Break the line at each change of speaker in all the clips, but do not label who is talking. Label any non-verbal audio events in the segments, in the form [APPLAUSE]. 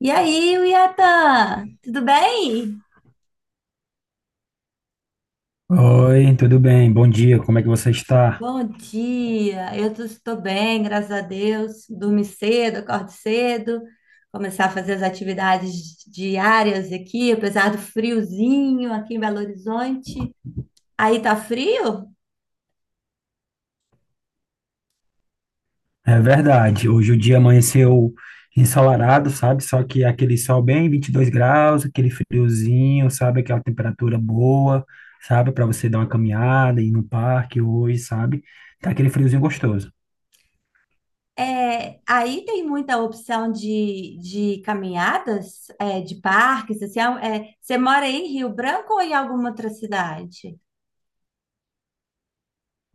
E aí, Yatan, tudo bem?
Oi, tudo bem? Bom dia, como é que você está?
Bom dia, estou bem, graças a Deus. Dormi cedo, acordo cedo, começar a fazer as atividades diárias aqui, apesar do friozinho aqui em Belo Horizonte. Aí tá frio?
É verdade, hoje o dia amanheceu ensolarado, sabe? Só que aquele sol bem 22 graus, aquele friozinho, sabe? Aquela temperatura boa, sabe? Para você dar uma caminhada, ir no parque hoje, sabe? Tá aquele friozinho gostoso.
É, aí tem muita opção de caminhadas, é, de parques, assim, você mora em Rio Branco ou em alguma outra cidade?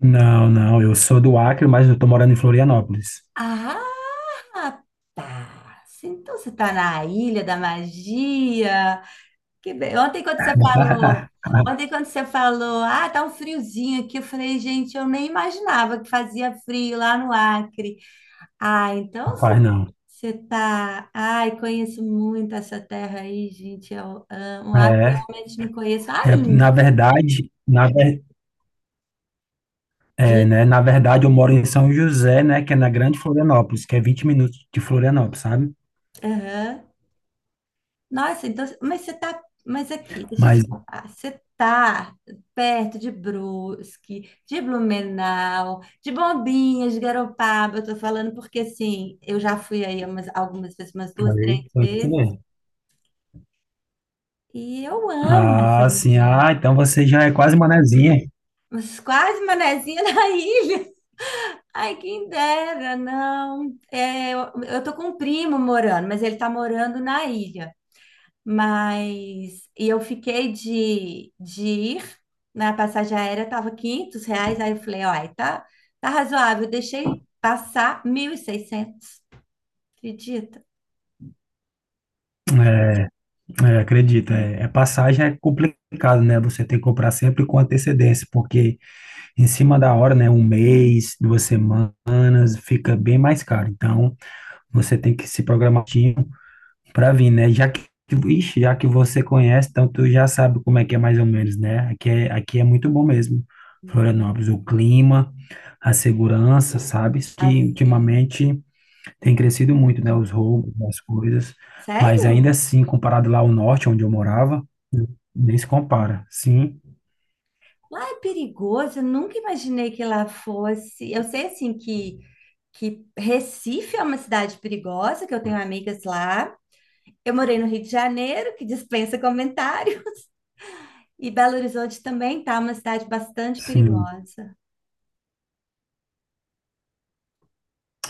Não, não, eu sou do Acre, mas eu tô morando em Florianópolis.
Ah, assim, então você está na Ilha da Magia. Ontem quando você falou,
[LAUGHS]
ah, tá um friozinho aqui, eu falei, gente, eu nem imaginava que fazia frio lá no Acre. Ah, então
Rapaz, não.
você tá, ai, conheço muito essa terra aí, gente. Eu amo. O Acre
É,
realmente não conheço
é,
ainda.
na verdade, na, ver- É,
De...
né? Na verdade, eu moro em São José, né? Que é na Grande Florianópolis, que é 20 minutos de Florianópolis, sabe?
Aham. Nossa, então, mas você tá, mas aqui, deixa eu
Mas.
te falar, você tá perto de Brusque, de Blumenau, de Bombinhas, de Garopaba, eu tô falando porque, assim, eu já fui aí umas- algumas vezes, umas duas, três
Aí, foi isso
vezes,
mesmo.
e eu amo essa
Ah, sim.
região,
Ah, então você já é quase manezinha.
mas quase Manezinha na [LAUGHS] ilha. Ai, quem dera, não. Eu tô com um primo morando, mas ele tá morando na ilha. Mas e eu fiquei de ir na passagem aérea, estava R$ 500. Aí eu falei, olha, tá, tá razoável. Eu deixei passar 1.600. Acredita?
É, é, acredito. É, passagem é complicado, né? Você tem que comprar sempre com antecedência, porque em cima da hora, né? Um mês, duas semanas, fica bem mais caro. Então, você tem que se programar pra vir, né? Já que, ixi, já que você conhece, então tu já sabe como é que é mais ou menos, né? Aqui é muito bom mesmo, Florianópolis. O clima, a segurança, sabes? Que
Assim,
ultimamente tem crescido muito, né? Os roubos, as coisas. Mas ainda
sério?
assim, comparado lá ao norte, onde eu morava, nem se compara. Sim,
Lá é perigoso. Eu nunca imaginei que lá fosse. Eu sei assim que Recife é uma cidade perigosa, que eu tenho amigas lá. Eu morei no Rio de Janeiro, que dispensa comentário, e Belo Horizonte também tá uma cidade bastante
sim.
perigosa.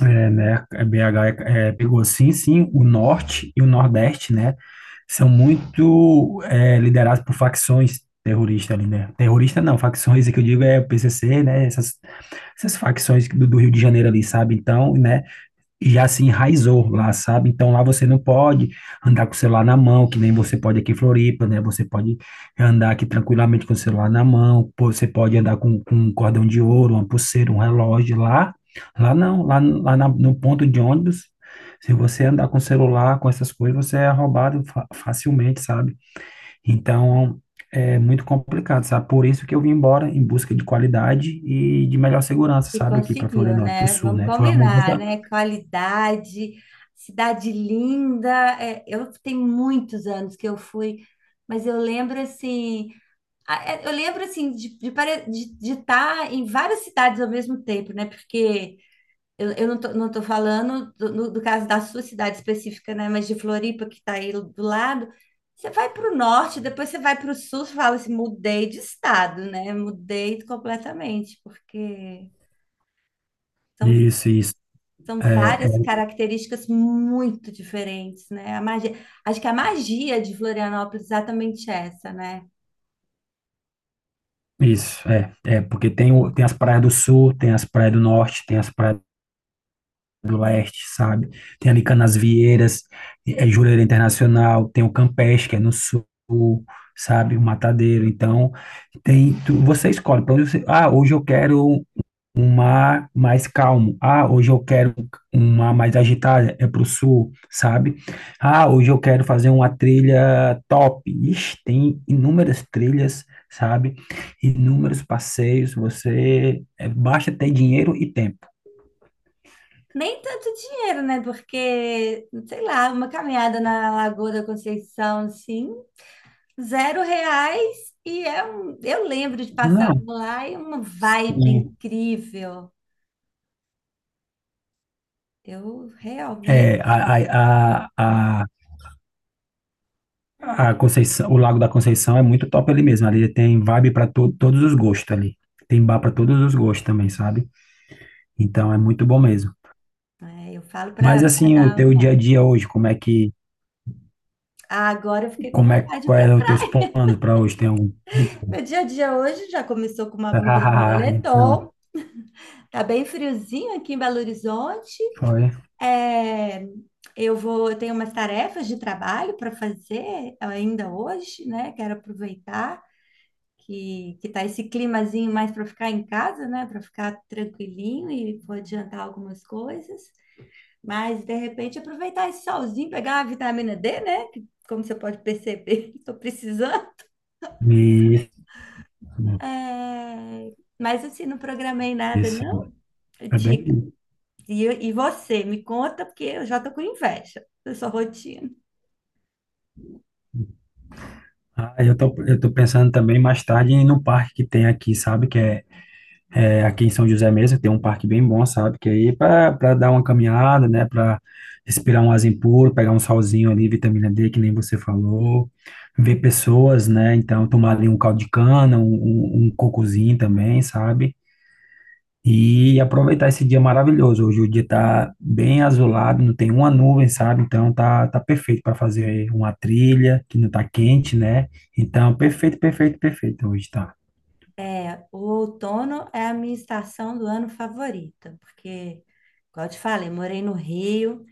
É, né? BH pegou, sim, sim, o norte e o nordeste, né? São muito é, liderados por facções terroristas ali, né? Terrorista não, facções, é que eu digo é o PCC, né? Essas facções do Rio de Janeiro ali, sabe? Então, né? Já se enraizou lá, sabe? Então lá você não pode andar com o celular na mão, que nem você pode aqui em Floripa, né? Você pode andar aqui tranquilamente com o celular na mão, pô, você pode andar com um cordão de ouro, uma pulseira, um relógio lá. Lá não, lá no ponto de ônibus, se você andar com o celular, com essas coisas, você é roubado facilmente, sabe? Então é muito complicado, sabe? Por isso que eu vim embora em busca de qualidade e de melhor segurança,
E
sabe? Aqui para
conseguiu,
Florianópolis, para o
né?
sul,
Vamos
né? Foi uma
combinar,
mudança.
né? Qualidade, cidade linda. É, eu tenho muitos anos que eu fui, mas eu lembro assim, eu lembro assim de estar em várias cidades ao mesmo tempo, né? Porque eu não tô falando do, no- do caso da sua cidade específica, né? Mas de Floripa, que está aí do lado. Você vai para o norte, depois você vai para o sul, você fala assim, mudei de estado, né? Mudei completamente, porque são
Isso, isso.
são
É
várias características muito diferentes, né? A magia, acho que a magia de Florianópolis é exatamente essa, né?
isso, é porque tem, tem as praias do sul, tem as praias do norte, tem as praias do leste, sabe? Tem ali Canasvieiras, é Jurerê Internacional, tem o Campeche, que é no sul, sabe? O Matadeiro. Então, tem, você escolhe para onde você. Ah, hoje eu quero um mar mais calmo. Ah, hoje eu quero um mar mais agitada, é pro sul, sabe? Ah, hoje eu quero fazer uma trilha top. Ixi, tem inúmeras trilhas, sabe? Inúmeros passeios, você é, basta ter dinheiro e tempo.
Nem tanto dinheiro, né? Porque, sei lá, uma caminhada na Lagoa da Conceição, assim, R$ 0 e é um... eu lembro de passar por
Não,
lá e é uma vibe
sim.
incrível. Eu
É,
realmente,
a, a, a, a Conceição, o Lago da Conceição é muito top ali mesmo. Ali tem vibe para todos os gostos ali. Tem bar para todos os gostos também, sabe? Então é muito bom mesmo.
é, eu falo para
Mas assim, o
dar.
teu dia a dia hoje, como é que,
Ah, agora eu fiquei com
como é,
vontade
quais
para
são os teus
praia.
planos para hoje? Tem algum? [LAUGHS]
Meu dia a dia hoje já começou com uma blusa de
Ah, então,
moletom. Tá bem friozinho aqui em Belo Horizonte.
foi.
É, eu tenho umas tarefas de trabalho para fazer ainda hoje, né? Quero aproveitar que tá esse climazinho mais para ficar em casa, né? Para ficar tranquilinho e vou adiantar algumas coisas. Mas de repente aproveitar esse solzinho, pegar uma vitamina D, né? Que, como você pode perceber, [LAUGHS] estou precisando.
Isso,
É, mas assim, não programei nada,
isso.
não.
É bem. Isso.
E você, me conta, porque eu já tô com inveja da sua rotina.
Ah, eu tô pensando também mais tarde no parque que tem aqui, sabe? Que é aqui em São José mesmo, tem um parque bem bom, sabe? Que aí para dar uma caminhada, né? Para respirar um arzinho puro, pegar um solzinho ali, vitamina D, que nem você falou, ver pessoas, né? Então tomar ali um caldo de cana, um cocozinho também, sabe? E aproveitar esse dia maravilhoso. Hoje o dia tá bem azulado, não tem uma nuvem, sabe? Então tá, tá perfeito para fazer uma trilha que não tá quente, né? Então, perfeito, perfeito, perfeito. Hoje tá.
É, o outono é a minha estação do ano favorita, porque, como eu te falei, morei no Rio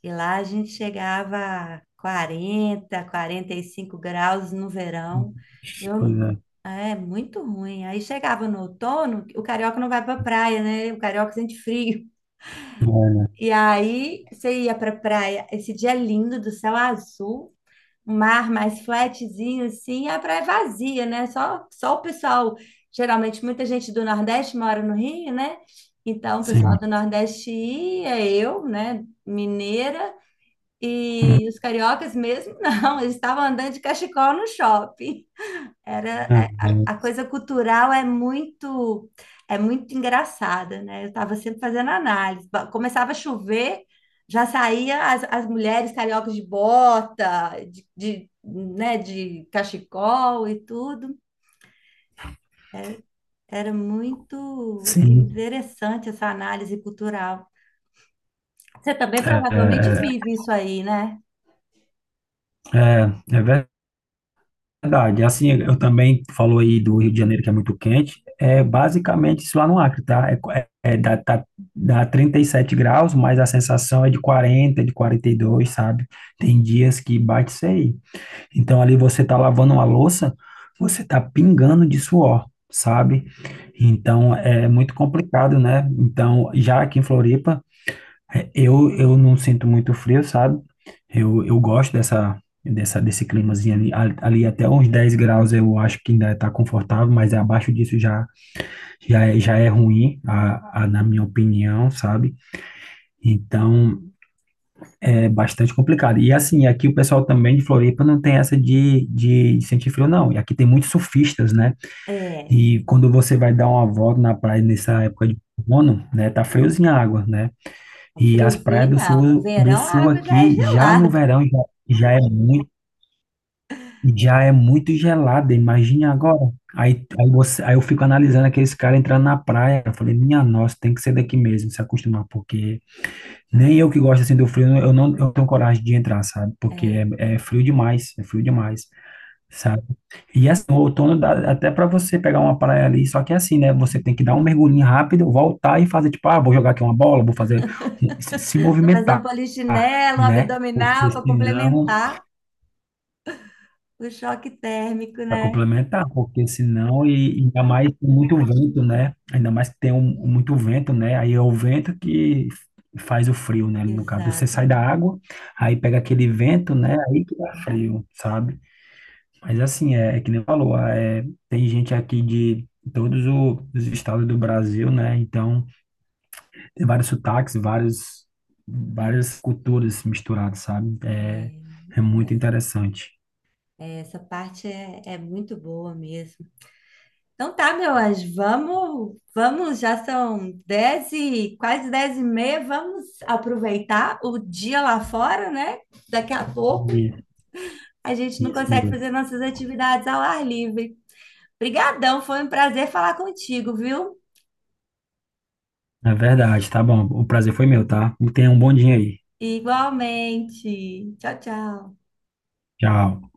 e lá a gente chegava a 40, 45 graus no verão. Eu, não-
Coisa
é muito ruim. Aí chegava no outono, o carioca não vai pra praia, né? O carioca sente frio.
boa, né?
E aí você ia pra praia, esse dia lindo do céu azul, um mar mais flatzinho, assim, e a praia é vazia, né? Só o pessoal, geralmente muita gente do Nordeste mora no Rio, né? Então, o pessoal do
Sim.
Nordeste ia, eu, né, mineira,
Hum,
e os cariocas mesmo, [LAUGHS] não, eles estavam andando de cachecol no shopping. Era
é,
é, a
é,
coisa cultural é muito engraçada, né? Eu estava sempre fazendo análise. Começava a chover, já saía as mulheres cariocas de bota, de cachecol e tudo. Era muito
Sim,
interessante essa análise cultural. Você também
é,
provavelmente vive isso aí, né?
é verdade. Verdade, assim, eu também falou aí do Rio de Janeiro que é muito quente, é basicamente isso lá no Acre, tá? É, tá, dá 37 graus, mas a sensação é de 40, de 42, sabe? Tem dias que bate isso aí. Então ali você tá lavando uma louça, você tá pingando de suor, sabe? Então é muito complicado, né? Então já aqui em Floripa é, eu não sinto muito frio, sabe? Eu gosto dessa, dessa, desse climazinho ali até uns 10 graus eu acho que ainda está confortável, mas abaixo disso já é ruim, na minha opinião, sabe? Então é bastante complicado. E assim, aqui o pessoal também de Floripa não tem essa de sentir frio, não. E aqui tem muitos surfistas, né?
É,
E quando você vai dar uma volta na praia nessa época de outono, né? Tá friozinho a água, né?
no
E as praias
friozinho não, no
do
verão a
sul
água já é
aqui, já no
gelada.
verão, já é muito, já é muito gelada, imagine agora. Aí eu fico analisando aqueles caras entrando na praia, eu falei, minha nossa, tem que ser daqui mesmo, se acostumar, porque nem eu que gosto assim do frio, eu não tenho coragem de entrar, sabe? Porque
É.
é frio demais, é frio demais. Sabe? E assim, o outono dá até para você pegar uma praia ali, só que é assim, né? Você tem que dar um mergulhinho rápido, voltar e fazer tipo, ah, vou jogar aqui uma bola, vou fazer um- se
Para fazer um
movimentar,
polichinelo, um
né? Porque
abdominal para
senão,
complementar o choque térmico,
para
né?
complementar, porque senão e ainda mais com muito vento, né? Ainda mais que tem muito vento, né? Aí é o vento que faz o frio, né? No caso, você sai da
Exatamente.
água, aí pega aquele vento, né? Aí que dá frio, sabe? Mas assim, é, é que nem falou, é, tem gente aqui de todos os estados do Brasil, né? Então, tem vários sotaques, várias culturas misturadas, sabe? É, é
É,
muito interessante.
essa parte é muito boa mesmo. Então tá, meu anjo, vamos, vamos, já são 10 e quase 10:30, vamos aproveitar o dia lá fora, né? Daqui a pouco
E-
a gente não
Isso
consegue
mesmo.
fazer nossas atividades ao ar livre. Obrigadão, foi um prazer falar contigo, viu?
É verdade, tá bom. O prazer foi meu, tá? Tenha um bom dia aí.
Igualmente. Tchau, tchau.
Tchau.